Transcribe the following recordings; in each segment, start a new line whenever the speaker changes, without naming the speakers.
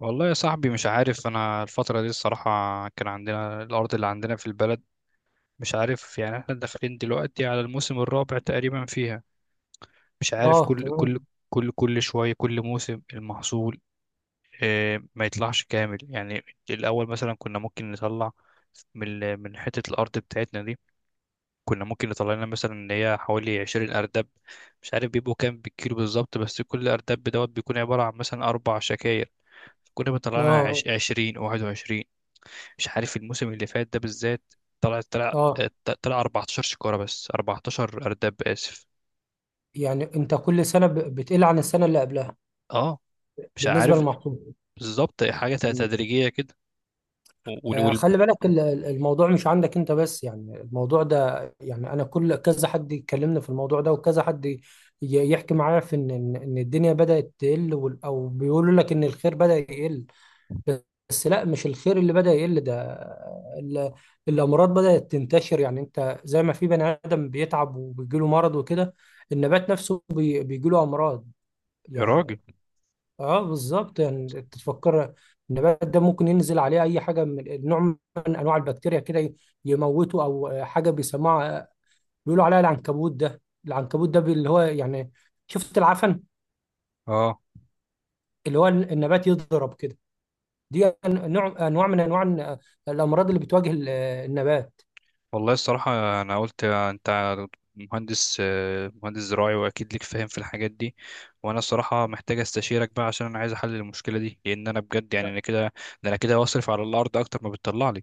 والله يا صاحبي، مش عارف انا الفترة دي الصراحة. كان عندنا الارض اللي عندنا في البلد. مش عارف، يعني احنا داخلين دلوقتي على الموسم الرابع تقريبا فيها. مش عارف،
اه،
كل
تمام.
كل كل كل شوية كل موسم المحصول، ما يطلعش كامل يعني. الاول مثلا كنا ممكن نطلع من حتة الارض بتاعتنا دي. كنا ممكن نطلع لنا مثلا ان هي حوالي 20 اردب. مش عارف بيبقوا كام بالكيلو بالظبط، بس كل اردب دوت بيكون عبارة عن مثلا اربع شكاير. كنا بيطلع لنا
اه.
20 21. مش عارف الموسم اللي فات ده بالذات، طلع طلع
اه.
طلع 14 شكارة، بس 14 أرداب آسف.
يعني انت كل سنه بتقل عن السنه اللي قبلها
اه مش
بالنسبه
عارف
للمحصول.
بالظبط، حاجة
مم.
تدريجية كده. وال... وال...
خلي بالك، الموضوع مش عندك انت بس، يعني الموضوع ده يعني انا كل كذا حد يكلمني في الموضوع ده، وكذا حد يحكي معايا في ان ان إن الدنيا بدأت تقل، او بيقولوا لك ان الخير بدأ يقل. بس لا، مش الخير اللي بدأ يقل ده، ال- الأمراض بدأت تنتشر. يعني أنت زي ما في بني آدم بيتعب وبيجيله مرض وكده، النبات نفسه بيجيله أمراض
يا
يعني.
راجل.
اه، بالظبط. يعني تتفكر النبات ده ممكن ينزل عليه أي حاجة من نوع من أنواع البكتيريا كده يموته، أو حاجة بيسموها، بيقولوا عليها العنكبوت. ده العنكبوت ده اللي هو يعني شفت العفن،
اه.
اللي هو النبات يضرب كده. دي نوع انواع من انواع الامراض اللي بتواجه النبات.
والله الصراحة أنا قلت أنت مهندس، مهندس زراعي وأكيد ليك فاهم في الحاجات دي. وأنا الصراحة محتاج أستشيرك بقى، عشان أنا عايز أحل المشكلة دي، لأن أنا بجد يعني أنا كده، ده أنا كده بصرف على الأرض أكتر ما بتطلع لي.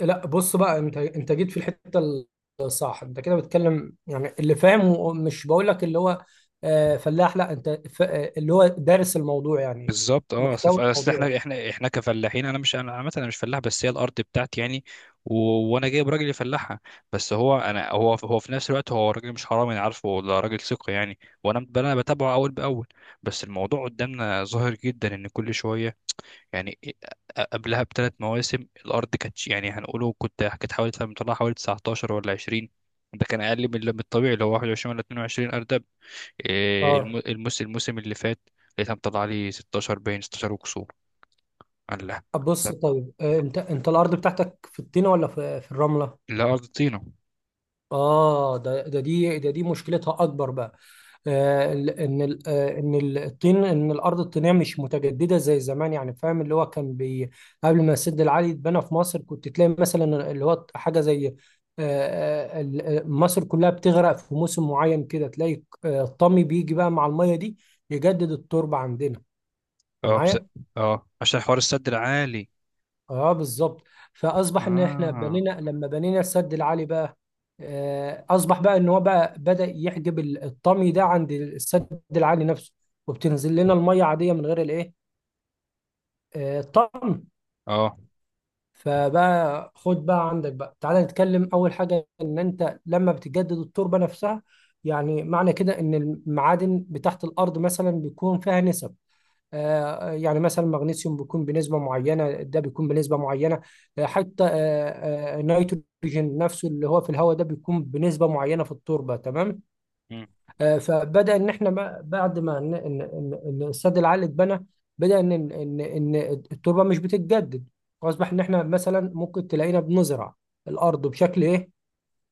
لا، بص بقى، انت جيت في الحته الصح. انت كده بتتكلم يعني اللي فاهم، ومش بقول لك اللي هو فلاح، لا، انت اللي هو دارس الموضوع يعني،
بالظبط. اه، اصل
محتوى
اصل
الموضوع يعني.
احنا كفلاحين. انا مش انا عامه انا مش فلاح، بس هي الارض بتاعتي يعني. و... وانا جايب راجل يفلحها، بس هو في نفس الوقت هو راجل مش حرامي، انا عارفه ده راجل ثقه يعني. وانا ب- انا بتابعه اول باول. بس الموضوع قدامنا ظاهر جدا، ان كل شويه يعني. قبلها بثلاث مواسم الارض كانت يعني هنقوله، كنت كانت حوالي مطلعها حوالي 19 ولا 20. ده كان اقل من الطبيعي اللي هو 21 ولا 22 ارض. إيه
اه،
الموسم اللي فات لقيتها مطلع لي 16، باين 16 وكسور. قال لها.
بص
طب
طيب، انت الارض بتاعتك في الطينه ولا في الرمله؟
لا ارضينا.
اه، ده ده دي ده دي مشكلتها اكبر بقى. آه، ال- ان ال- آه، ان الطين ان الارض الطينيه مش متجدده زي زمان، يعني فاهم؟ اللي هو كان بي قبل ما السد العالي يتبنى في مصر كنت تلاقي مثلا، اللي هو حاجه زي مصر كلها بتغرق في موسم معين، كده تلاقي الطمي بيجي بقى مع الميه دي يجدد التربه عندنا. انت
اه بس.
معايا؟
اه عشان حوار السد العالي.
اه، بالظبط. فاصبح ان احنا
اه.
بنينا، لما بنينا السد العالي بقى اصبح بقى ان هو بقى بدأ يحجب الطمي ده عند السد العالي نفسه، وبتنزل لنا الميه عاديه من غير الايه، الطمي.
اه.
فبقى خد بقى عندك بقى، تعالى نتكلم. اول حاجه، ان انت لما بتجدد التربه نفسها يعني، معنى كده ان المعادن بتاعت الارض مثلا بيكون فيها نسب، يعني مثلا مغنيسيوم بيكون بنسبة معينة، ده بيكون بنسبة معينة، حتى النيتروجين نفسه اللي هو في الهواء ده بيكون بنسبة معينة في التربة، تمام.
مم.
فبدأ إن إحنا بعد ما إن السد العالي اتبنى، بدأ إن التربة مش بتتجدد. فأصبح إن إحنا مثلا ممكن تلاقينا بنزرع الأرض بشكل إيه؟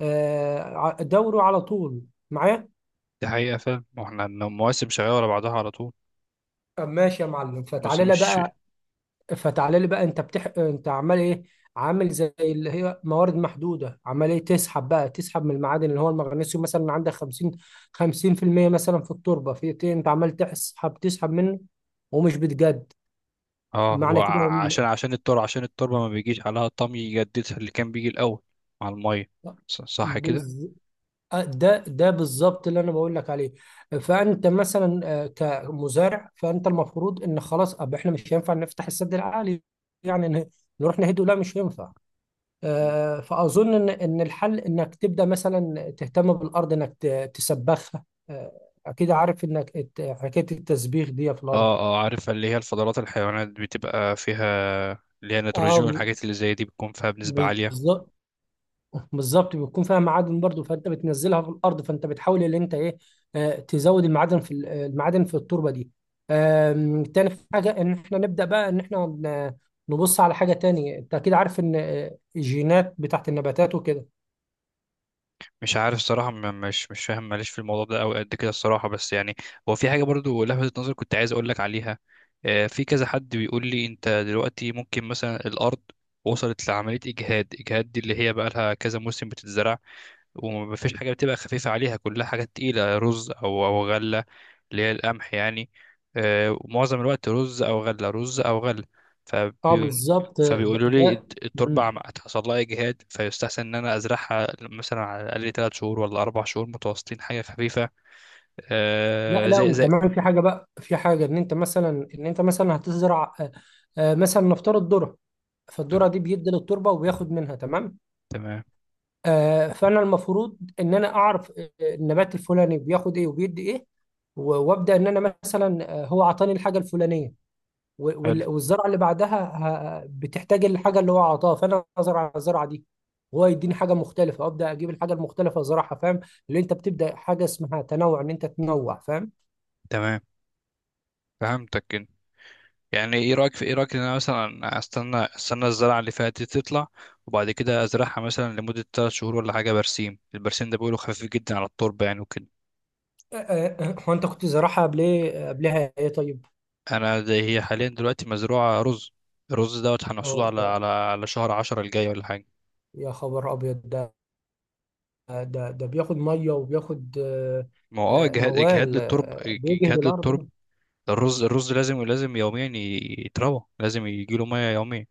دوري على طول، معايا؟
دي حقيقة فعلا، ما احنا المواسم شغالة ورا بعضها على طول.
طب ماشي يا معلم،
موسم
فتعالى لي
مش.
بقى فتعالى لي بقى انت عمال ايه؟ عامل زي اللي هي موارد محدوده، عمال ايه تسحب بقى، تسحب من المعادن، اللي هو المغنيسيوم مثلا عندك 50، 50% مثلا في التربه في إيه؟ انت عمال تسحب منه، ومش بتجد.
اه،
معنى كده
وعشان
إن-
عشان التربة عشان التربة ما بيجيش عليها طمي يجددها اللي كان بيجي الأول مع المية. صح كده؟
بز... آه، ده بالظبط اللي انا بقول لك عليه. فانت مثلا كمزارع، فانت المفروض ان خلاص احنا مش هينفع نفتح السد العالي يعني، نروح نهده، لا مش هينفع.
مم.
فأظن إن الحل إنك تبدأ مثلا تهتم بالأرض، إنك تسبخها. آه، أكيد عارف إنك حكاية التسبيخ دي في الأرض.
اه عارف، اللي هي الفضلات الحيوانات بتبقى فيها، اللي هي نيتروجين
اه،
والحاجات اللي زي دي بتكون فيها بنسبة عالية.
بالظبط، بالظبط، بيكون فيها معادن برضو، فأنت بتنزلها في الأرض، فأنت بتحاول إن أنت إيه، تزود المعادن في المعادن في التربة دي. تاني حاجة، إن إحنا نبدأ بقى إن إحنا نبص على حاجة تانية. أنت أكيد عارف إن الجينات بتاعت النباتات وكده.
مش عارف الصراحة، مش فاهم، ماليش في الموضوع ده أوي قد كده الصراحة. بس يعني هو في حاجة برضو لفتت نظري كنت عايز أقولك عليها. في كذا حد بيقول لي أنت دلوقتي ممكن مثلا الأرض وصلت لعملية إجهاد دي، اللي هي بقى لها كذا موسم بتتزرع ومفيش حاجة بتبقى خفيفة عليها، كلها حاجات تقيلة، رز أو غلة، اللي هي القمح يعني. ومعظم الوقت رز او غله رز او غله.
اه،
فبي...
بالظبط ده,
فبيقولوا لي
ده
التربه هتحصل لها اجهاد، فيستحسن ان انا ازرعها مثلا على الاقل 3 شهور ولا 4 شهور متواصلين، حاجه خفيفه،
لا لا،
زي.
وكمان في حاجه بقى، في حاجه ان انت مثلا هتزرع مثلا نفترض ذره. فالذره
تمام.
دي بيدي للتربه وبياخد منها، تمام.
تمام.
فانا المفروض ان انا اعرف النبات الفلاني بياخد ايه وبيدي ايه، وابدا ان انا مثلا هو عطاني الحاجه الفلانيه،
حلو.
والزرعه اللي بعدها بتحتاج الحاجه اللي هو عطاها، فانا ازرع الزرعه دي وهو يديني حاجه مختلفه، ابدا اجيب الحاجه المختلفه ازرعها، فاهم؟ اللي انت بتبدا حاجه اسمها تنوع، ان انت تنوع، فاهم؟
تمام. فهمتك كده. يعني ايه رايك ان انا مثلا استنى الزرعه اللي فاتت دي تطلع، وبعد كده ازرعها مثلا لمده 3 شهور ولا حاجه برسيم. البرسيم ده بيقولوا خفيف جدا على التربه يعني وكده.
آه، آه، أه. هو انت كنت زراعة قبل ايه، قبلها ايه طيب؟
انا ده هي حاليا دلوقتي مزروعه رز. الرز دوت
اه،
هنحصده على
ده
على على شهر عشرة الجاي ولا حاجه.
يا خبر ابيض ده ده بياخد ميه وبياخد
ما هو اه، اجهاد
موال
للترب
بيجهد
اجهاد
الارض
للترب.
ده.
الرز الرز لازم لازم يوميا يتروى، لازم يجيله ميه يوميا.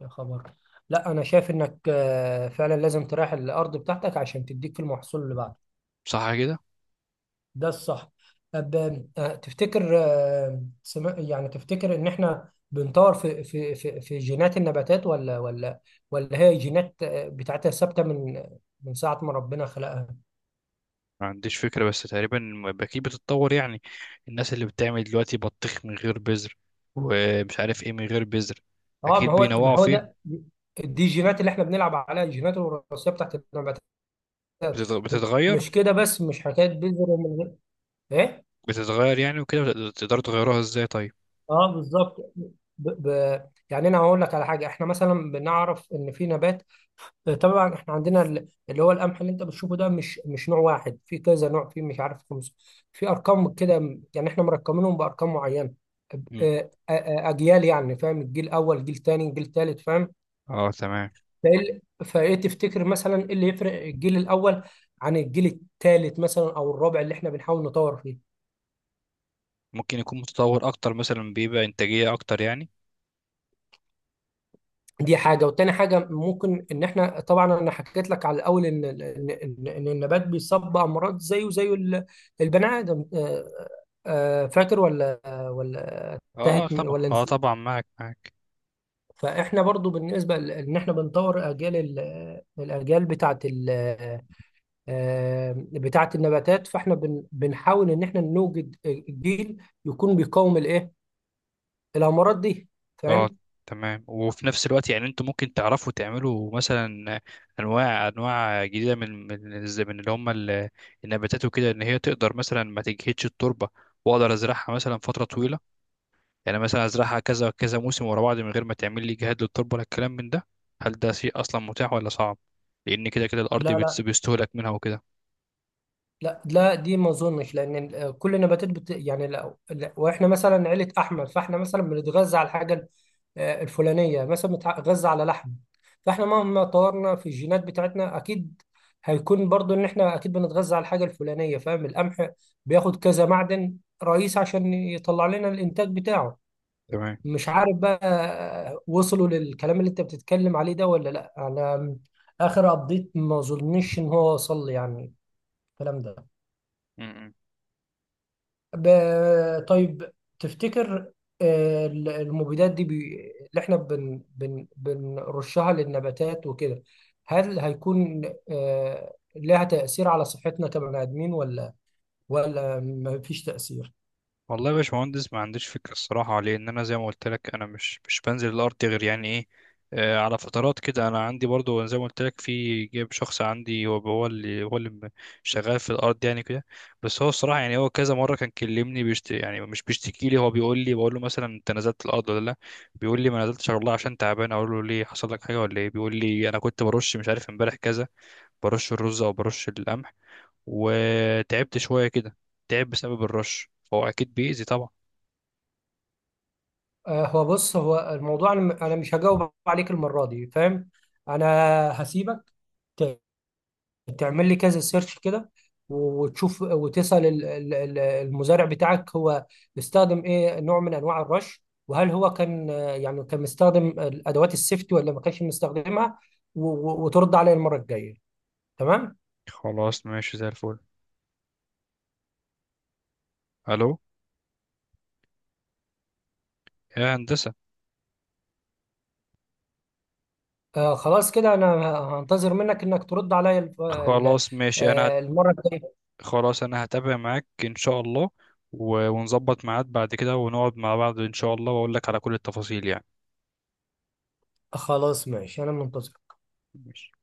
يا خبر. لا، انا شايف انك فعلا لازم تريح الارض بتاعتك عشان تديك في المحصول اللي بعده.
صح كده.
ده الصح. طب تفتكر يعني تفتكر ان احنا بنطور في جينات النباتات، ولا ولا هي جينات بتاعتها ثابته من ساعه ما ربنا خلقها؟
ما عنديش فكره، بس تقريبا اكيد بتتطور يعني. الناس اللي بتعمل دلوقتي بطيخ من غير بذر، ومش عارف ايه من غير بذر،
اه، ما
اكيد
هو ما
بينوعوا
هو ده
فيه.
دي الجينات اللي احنا بنلعب عليها، الجينات الوراثيه بتاعت النباتات،
بتتغير.
مش كده بس، مش حكايه بذر ومن غير ايه.
بتتغير يعني وكده، تقدروا تغيروها ازاي طيب.
اه، بالظبط. يعني انا هقول لك على حاجه. احنا مثلا بنعرف ان في نبات، طبعا احنا عندنا اللي هو القمح اللي انت بتشوفه ده، مش نوع واحد، في كذا نوع، في مش عارف خمس، في ارقام كده، يعني احنا مرقمينهم بارقام معينه،
مم.
اجيال يعني، فاهم؟ الجيل الاول، جيل تاني، جيل تالت، فاهم؟
اه تمام.
فإيه تفتكر مثلا إيه اللي يفرق الجيل الأول عن الجيل الثالث مثلا، أو الرابع اللي إحنا بنحاول نطور فيه؟
ممكن يكون متطور اكتر مثلا، بيبقى انتاجيه اكتر يعني.
دي حاجة، والتاني حاجة ممكن إن إحنا، طبعا أنا حكيت لك على الأول إن النبات بيصاب بأمراض زيه زي البني آدم، فاكر ولا انتهت
اه طبعا،
ولا
اه
نسيت؟
طبعا، معك معك.
فإحنا برضو بالنسبة إن إحنا بنطور أجيال الأجيال بتاعت آه، بتاعة النباتات، فاحنا بنحاول ان احنا نوجد جيل يكون بيقاوم الايه، الامراض دي،
اه
فاهم؟
تمام. وفي نفس الوقت يعني انتوا ممكن تعرفوا تعملوا مثلا انواع جديده من اللي هم النباتات وكده، ان هي تقدر مثلا ما تجهدش التربه، واقدر ازرعها مثلا فتره طويله. يعني مثلا ازرعها كذا كذا موسم ورا بعض من غير ما تعمل لي جهاد للتربه ولا الكلام من ده. هل ده شيء اصلا متاح ولا صعب؟ لان كده كده
لا
الارض
لا
بيستهلك منها وكده.
لا لا، دي ما اظنش، لان كل النباتات بت... يعني لا... لا... واحنا مثلا عيلة احمد، فاحنا مثلا بنتغذى على الحاجة الفلانية مثلا، بنتغذى على لحم، فاحنا مهما طورنا في الجينات بتاعتنا اكيد هيكون برضو ان احنا اكيد بنتغذى على الحاجة الفلانية، فاهم؟ القمح بياخد كذا معدن رئيس عشان يطلع لنا الانتاج بتاعه. مش عارف بقى وصلوا للكلام اللي انت بتتكلم عليه ده ولا لا، انا اخر ابديت ما اظنش ان هو وصل لي يعني، الكلام ده.
تمام.
طيب، تفتكر المبيدات دي اللي احنا بنرشها للنباتات وكده، هل هيكون لها تأثير على صحتنا كبني آدمين، ولا ما فيش تأثير؟
والله يا باشمهندس ما عنديش فكرة الصراحة. لأن أنا زي ما قلت لك أنا مش بنزل الأرض غير يعني إيه، على فترات كده. أنا عندي برضو زي ما قلت لك، في جايب شخص عندي هو اللي شغال في الأرض يعني كده. بس هو الصراحة، يعني هو كذا مرة كان كلمني، يعني مش بيشتكي لي. هو بيقول لي، بقول له مثلا أنت نزلت الأرض ولا لأ، بيقول لي ما نزلتش والله عشان تعبان. أقول له ليه، حصل لك حاجة ولا إيه؟ بيقول لي أنا كنت برش، مش عارف امبارح كذا، برش الرز أو برش القمح وتعبت شوية كده. تعب بسبب الرش، فهو أكيد بيأذي طبعا.
هو بص، هو الموضوع أنا مش هجاوب عليك المرة دي، فاهم؟ انا هسيبك تعمل لي كذا سيرش كده، وتشوف، وتسأل المزارع بتاعك، هو بيستخدم ايه نوع من انواع الرش، وهل هو كان يعني كان مستخدم ادوات السيفتي ولا ما كانش مستخدمها، وترد عليا المرة الجاية، تمام؟
خلاص ماشي زي الفل. الو. يا هندسة.
خلاص كده، انا هنتظر منك انك ترد عليا
خلاص ماشي،
المرة الجاية.
خلاص انا هتابع معاك ان شاء الله. ونظبط ميعاد بعد كده، ونقعد مع بعض ان شاء الله، واقول لك على كل التفاصيل يعني.
خلاص ماشي، انا منتظر.
ماشي.